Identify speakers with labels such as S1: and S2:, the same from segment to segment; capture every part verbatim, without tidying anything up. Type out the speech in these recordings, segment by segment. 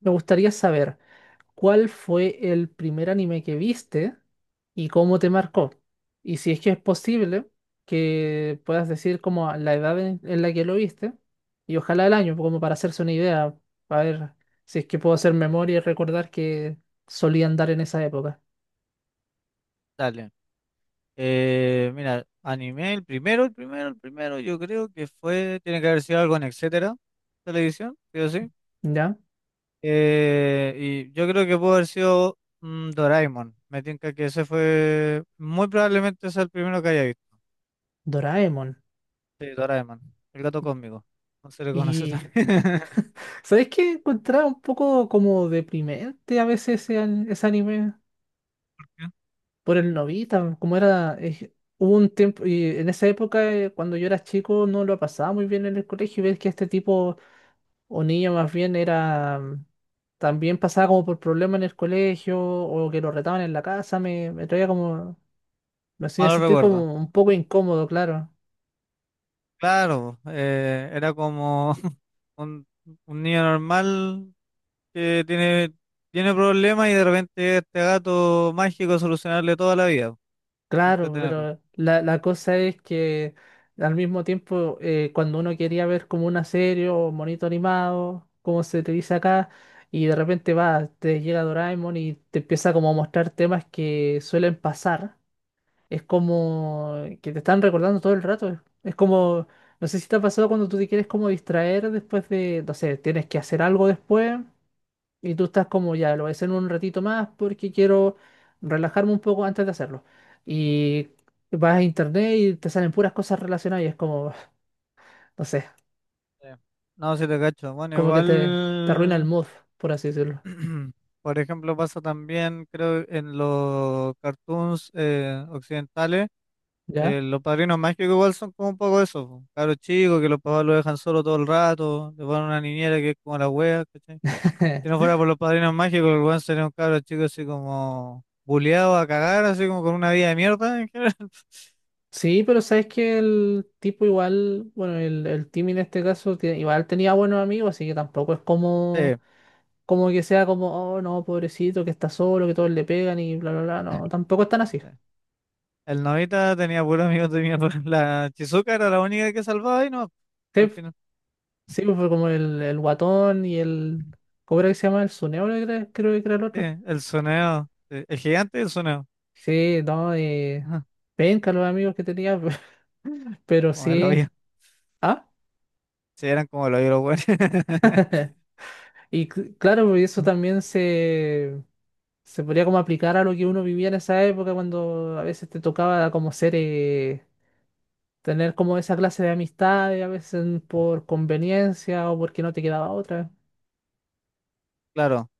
S1: Me gustaría saber cuál fue el primer anime que viste y cómo te marcó. Y si es que es posible, que puedas decir como la edad en, en la que lo viste y ojalá el año, como para hacerse una idea, para ver si es que puedo hacer memoria y recordar que solían dar en esa época.
S2: Dale. Eh, mira, anime, el primero, el primero, el primero, yo creo que fue, tiene que haber sido algo en Etcétera, televisión, sí o sí.
S1: ¿Ya?
S2: Eh, y yo creo que pudo haber sido mm, Doraemon. Me tinca que ese fue, muy probablemente es el primero que haya visto.
S1: Doraemon.
S2: Sí, Doraemon, el gato cósmico. No se le conoce
S1: Y
S2: también.
S1: ¿sabes qué? Encontraba un poco como deprimente a veces ese, an- ese anime. Por el novita, como era, eh, hubo un tiempo, y en esa época, eh, cuando yo era chico, no lo pasaba muy bien en el colegio, y ves que este tipo, o niño más bien, era, mm, también pasaba como por problemas en el colegio, o que lo retaban en la casa, me, me traía como, me hacía
S2: Malo
S1: sentir
S2: recuerdo.
S1: como un poco incómodo, claro.
S2: Claro, eh, era como un, un niño normal que tiene, tiene problemas y de repente este gato mágico solucionarle toda la vida, po,
S1: Claro,
S2: entretenerlo.
S1: pero la, la cosa es que al mismo tiempo, eh, cuando uno quería ver como una serie o monito animado, como se te dice acá, y de repente va, te llega Doraemon y te empieza como a mostrar temas que suelen pasar, es como que te están recordando todo el rato. Es como, no sé si te ha pasado cuando tú te quieres como distraer después de, no sé, tienes que hacer algo después. Y tú estás como ya, lo voy a hacer en un ratito más porque quiero relajarme un poco antes de hacerlo. Y vas a internet y te salen puras cosas relacionadas y es como, no sé,
S2: Sí. No, si te cacho. Bueno,
S1: como que te, te arruina el
S2: igual,
S1: mood, por así decirlo.
S2: por ejemplo, pasa también, creo, en los cartoons eh, occidentales,
S1: ¿Ya?
S2: eh, los padrinos mágicos igual son como un poco eso, po, cabros chicos que los papás lo dejan solo todo el rato, le ponen una niñera que es como la wea, ¿cachai? Si no fuera por los padrinos mágicos, el weón sería un cabro chico así como buleado a cagar, así como con una vida de mierda en general.
S1: Sí, pero sabes que el tipo igual, bueno, el, el Timmy en este caso, tie- igual tenía buenos amigos, así que tampoco es
S2: Sí,
S1: como, como que sea como, oh no, pobrecito, que está solo, que todos le pegan y bla, bla, bla. No, tampoco están así.
S2: sí. El Nobita tenía puros amigos de mierda. La Chizuka era la única que salvaba y no, al final.
S1: Sí, pues fue como el, el guatón y el. ¿Cómo era que se llama? El Suneo, creo, que era- creo que era el
S2: Sí,
S1: otro.
S2: el soneo. Sí, el gigante y el soneo.
S1: Sí, no, eh,
S2: Ajá,
S1: penca los amigos que tenía, pero
S2: como el
S1: sí.
S2: hoyo.
S1: Ah,
S2: Sí, eran como el hoyo los buenos.
S1: y cl- claro, pues eso también se, se podría como aplicar a lo que uno vivía en esa época, cuando a veces te tocaba como ser, eh, tener como esa clase de amistades, a veces por conveniencia o porque no te quedaba otra.
S2: Claro.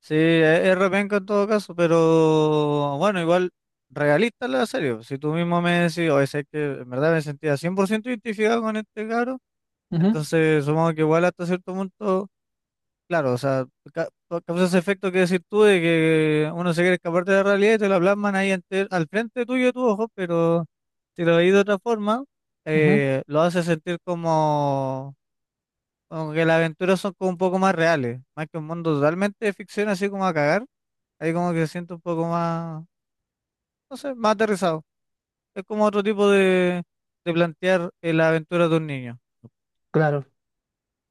S2: Sí, es, es repenca en todo caso, pero bueno, igual realista la serie. Si tú mismo me decís, oye, sé que en verdad me sentía cien por ciento identificado con este caro,
S1: Ujú,
S2: entonces supongo que igual hasta cierto punto. Claro, o sea, ca- pa- causa ese efecto que decir tú de que uno se quiere escapar de la realidad y te la plasman ahí ante- al frente tuyo de tus ojos, pero si lo veis de otra forma,
S1: ujú,
S2: eh, lo hace sentir como, como que las aventuras son como un poco más reales, más que un mundo totalmente de ficción, así como a cagar, ahí como que se siente un poco más, no sé, más aterrizado. Es como otro tipo de, de plantear eh, la aventura de un niño.
S1: claro.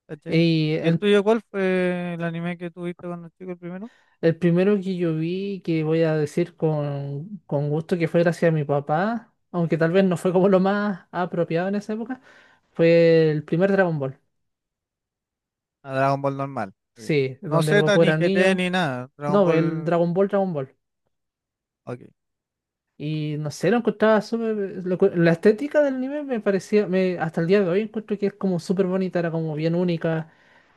S2: ¿Cachai?
S1: Y
S2: ¿Y el
S1: en-
S2: tuyo cuál fue el anime que tuviste cuando chico el primero?
S1: El primero que yo vi, que voy a decir con, con gusto que fue gracias a mi papá, aunque tal vez no fue como lo más apropiado en esa época, fue el primer Dragon Ball.
S2: A Dragon Ball normal. Ok.
S1: Sí,
S2: No
S1: donde
S2: Z,
S1: el Goku
S2: ni
S1: era un
S2: G T,
S1: niño.
S2: ni nada. Dragon
S1: No,
S2: Ball.
S1: el Dragon Ball, Dragon Ball.
S2: Ok.
S1: Y no sé, lo encontraba súper. lo encu- La estética del anime me parecía. Me, hasta el día de hoy encuentro que es como súper bonita, era como bien única.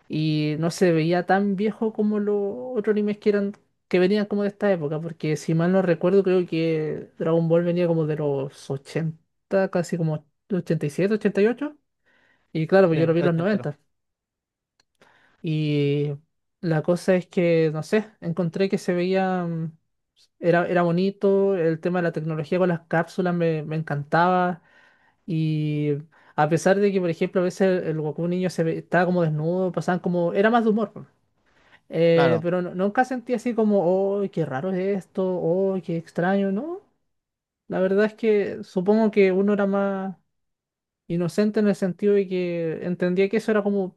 S1: Y no se veía tan viejo como los otros animes que eran. Que venían como de esta época. Porque si mal no recuerdo, creo que Dragon Ball venía como de los ochenta casi como ochenta y siete ochenta y ocho y claro,
S2: Sí,
S1: pues yo
S2: es
S1: lo vi en los
S2: ochentero.
S1: noventa. Y la cosa es que, no sé, encontré que se veía. mm, era, era bonito, el tema de la tecnología con las cápsulas me, me encantaba. Y a pesar de que, por ejemplo, a veces el, el Goku niño se ve- estaba como desnudo, pasaban como. Era más de humor, po. Eh,
S2: Claro.
S1: pero no- nunca sentí así como, ¡oh, qué raro es esto! ¡Oh, qué extraño! No, la verdad es que supongo que uno era más inocente en el sentido de que entendía que eso era como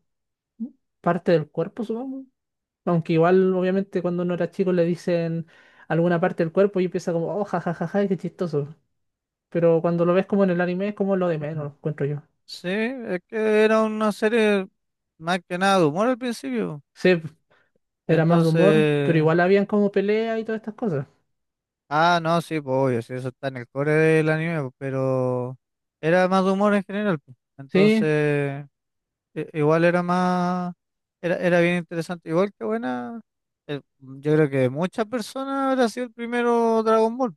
S1: parte del cuerpo, supongo. Aunque igual, obviamente, cuando uno era chico le dicen alguna parte del cuerpo y empieza como, ¡oh, jajajaja, qué chistoso! Pero cuando lo ves como en el anime es como lo de
S2: Ujú.
S1: menos, encuentro yo.
S2: Sí, es que era una serie más que nada de humor al principio.
S1: Sí, era más de humor, pero
S2: Entonces.
S1: igual habían como peleas y todas estas cosas.
S2: Ah, no, sí, pues obvio, sí, eso está en el core del anime, pues, pero era más de humor en general, pues.
S1: Sí,
S2: Entonces, i- igual era más. Era, era bien interesante. Igual que buena. eh, yo creo que muchas personas habrá sido el primero Dragon Ball.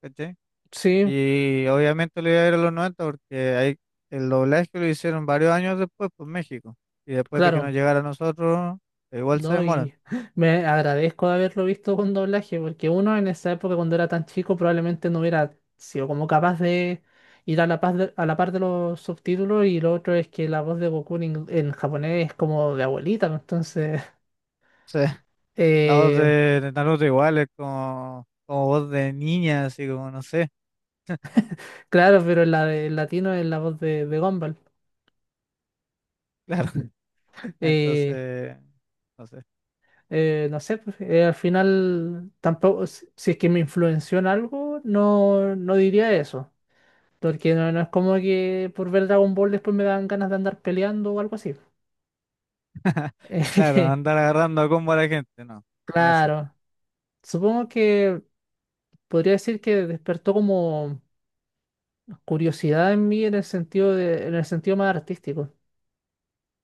S2: ¿Cachai?
S1: sí,
S2: Y obviamente le iba a ir a los noventa porque ahí el doblaje lo hicieron varios años después por México. Y después de que
S1: claro,
S2: nos llegara a nosotros, igual se
S1: ¿no?
S2: demoran.
S1: Y me agradezco de haberlo visto con doblaje, porque uno en esa época cuando era tan chico probablemente no hubiera sido como capaz de ir a la par de, a la par de los subtítulos y lo otro es que la voz de Goku en, ing- en japonés es como de abuelita, ¿no? Entonces,
S2: O sea, la voz
S1: eh,
S2: de, de Naruto igual es como, como voz de niña, así como no sé.
S1: claro, pero en la de en latino es la voz de, de Gumball.
S2: Claro.
S1: Eh,
S2: Entonces, no sé.
S1: eh, no sé, pues, eh, al final tampoco, si si es que me influenció en algo, no, no diría eso. Porque no, no es como que por ver Dragon Ball después me dan ganas de andar peleando o algo así.
S2: Claro, andar agarrando a combo a la gente, no. Nada así.
S1: Claro, supongo que podría decir que despertó como curiosidad en mí en el sentido de, en el sentido más artístico.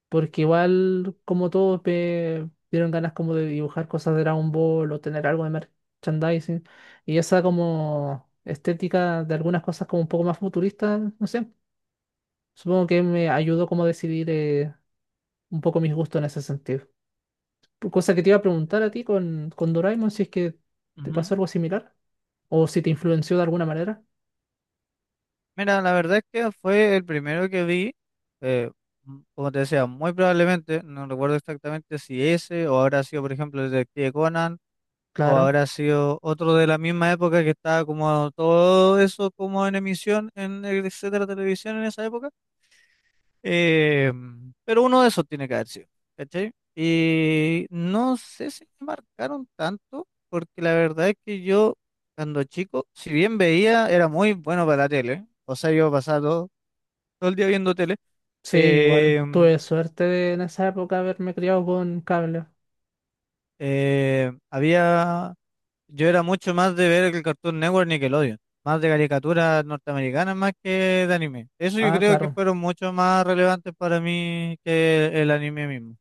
S1: Porque igual, como todos, me dieron ganas como de dibujar cosas de Dragon Ball o tener algo de merchandising. Y esa como estética de algunas cosas como un poco más futurista, no sé. Supongo que me ayudó como a decidir eh, un poco mis gustos en ese sentido. Cosa que te iba a preguntar a ti con, con Doraemon, si es que te pasó algo similar o si te influenció de alguna manera.
S2: Mira, la verdad es que fue el primero que vi, eh, m- como te decía, muy probablemente, no recuerdo exactamente si ese o habrá sido, por ejemplo, el Detective Conan o
S1: Claro.
S2: habrá sido otro de la misma época que estaba como todo eso como en emisión en el etcétera televisión en esa época. Eh, pero uno de esos tiene que haber sido, ¿cachai? Y no sé si me marcaron tanto, porque la verdad es que yo cuando chico, si bien veía, era muy bueno para la tele. O sea, yo pasaba todo el día viendo tele.
S1: Sí, yo igual.
S2: eh,
S1: Tuve suerte de en esa época haberme criado con cable.
S2: eh, Había, yo era mucho más de ver el Cartoon Network Nickelodeon, más de caricaturas norteamericanas más que de anime. Eso yo
S1: Ah,
S2: creo que
S1: claro.
S2: fueron mucho más relevantes para mí que el anime mismo.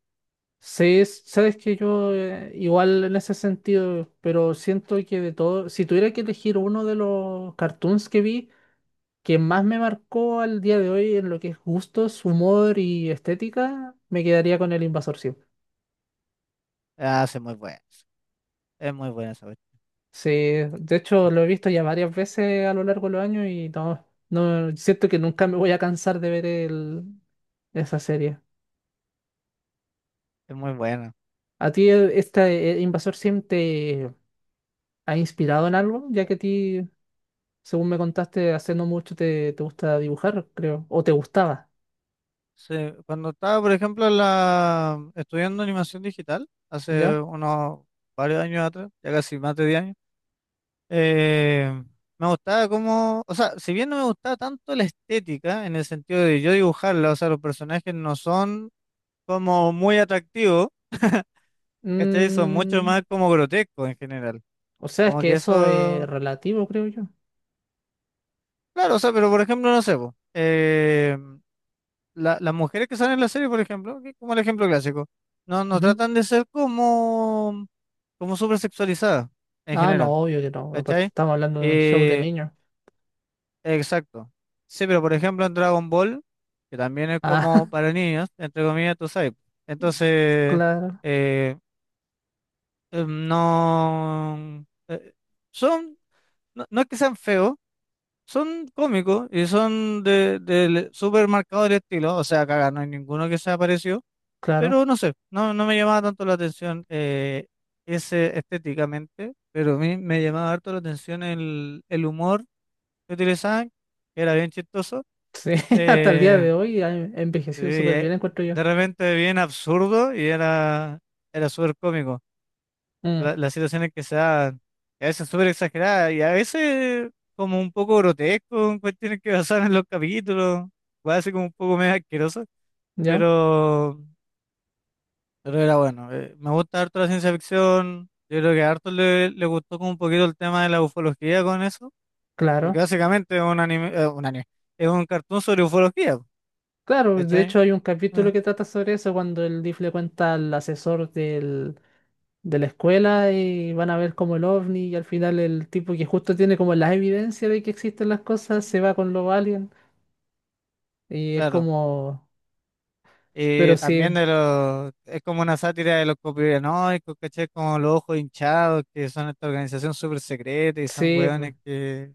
S1: Sí, s- sabes que yo eh, igual en ese sentido, pero siento que de todo, si tuviera que elegir uno de los cartoons que vi, que más me marcó al día de hoy en lo que es gustos, humor y estética, me quedaría con El Invasor siempre.
S2: Ah, sí, muy buena, es muy buena esa cuestión,
S1: Sí, de hecho lo he visto ya varias veces a lo largo de los años y no, no siento que nunca me voy a cansar de ver el, esa serie.
S2: es muy buena.
S1: ¿A ti eh, este eh, Invasor Sim te ha inspirado en algo? Ya que a ti según me contaste, hace no mucho te, te gusta dibujar, creo, o te gustaba,
S2: Sí, cuando estaba, por ejemplo, en la, estudiando animación digital, hace
S1: ¿ya?
S2: unos varios años atrás, ya casi más de diez años. Eh, Me gustaba como, o sea, si bien no me gustaba tanto la estética, en el sentido de yo dibujarla, o sea, los personajes no son como muy atractivos, ¿cachai? Son mucho
S1: Mm,
S2: más como grotescos en general.
S1: o sea, es
S2: Como
S1: que
S2: que
S1: eso es
S2: eso,
S1: relativo, creo yo.
S2: claro, o sea, pero por ejemplo, no sé, po, eh, la- las mujeres que salen en la serie, por ejemplo, que es como el ejemplo clásico, no, no
S1: Ujú.
S2: tratan de ser como, como súper sexualizadas en
S1: Ah, no,
S2: general,
S1: obvio que no. Aparte,
S2: ¿cachai?
S1: estamos hablando de un show de
S2: Eh,
S1: niños.
S2: Exacto. Sí, pero por ejemplo en Dragon Ball, que también es
S1: Ah,
S2: como para niños, entre comillas, tú sabes. Entonces,
S1: claro,
S2: eh, eh, no, eh, Son, no, no es que sean feos, son cómicos y son de, de súper marcado el estilo, o sea, caga, no hay ninguno que sea parecido,
S1: claro.
S2: pero no sé, no, no me llamaba tanto la atención eh, ese estéticamente, pero a mí me llamaba harto la atención el, el humor que utilizaban, que era bien chistoso.
S1: Sí, hasta el día
S2: Eh,
S1: de hoy ha
S2: sí,
S1: envejecido súper bien,
S2: eh,
S1: encuentro yo.
S2: de repente bien absurdo y era, era súper cómico.
S1: Mm,
S2: La- las situaciones que se dan y a veces súper exageradas y a veces como un poco grotesco, en cuestiones que pasaban en los capítulos, puede ser como un poco medio asqueroso,
S1: ¿ya?
S2: pero, pero era bueno. Eh, me gusta harto la ciencia ficción, yo creo que a harto le, le gustó como un poquito el tema de la ufología con eso, porque
S1: Claro.
S2: básicamente es un anime, eh, un anime, es un cartoon sobre ufología,
S1: Claro, de
S2: ¿cachai?
S1: hecho hay un
S2: Mm,
S1: capítulo que trata sobre eso cuando el D I F le cuenta al asesor del, de la escuela y van a ver como el ovni y al final el tipo que justo tiene como la evidencia de que existen las cosas
S2: ujú.
S1: se va con los aliens y es
S2: Claro.
S1: como, pero
S2: Y
S1: sí,
S2: también de los, es como una sátira de los conspiranoicos, ¿cachai? Como los ojos hinchados, que son esta organización súper secreta y son
S1: sí,
S2: hueones que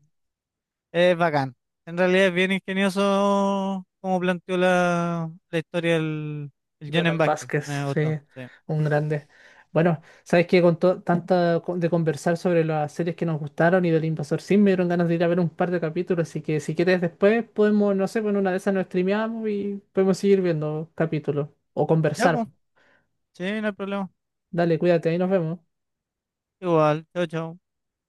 S2: es bacán. En realidad es bien ingenioso como planteó la, la historia el el John
S1: Jonan
S2: Vázquez.
S1: Vázquez,
S2: Me
S1: sí,
S2: gustó, sí.
S1: un grande. Bueno, sabes que con to- tanta co- de conversar sobre las series que nos gustaron y del Invasor Sim me dieron ganas de ir a ver un par de capítulos, así que si quieres después podemos, no sé, con una de esas nos streameamos y podemos seguir viendo capítulos o
S2: Ya,
S1: conversar.
S2: pues, sí, no hay problema.
S1: Dale, cuídate, ahí nos vemos.
S2: Igual, chao, chao.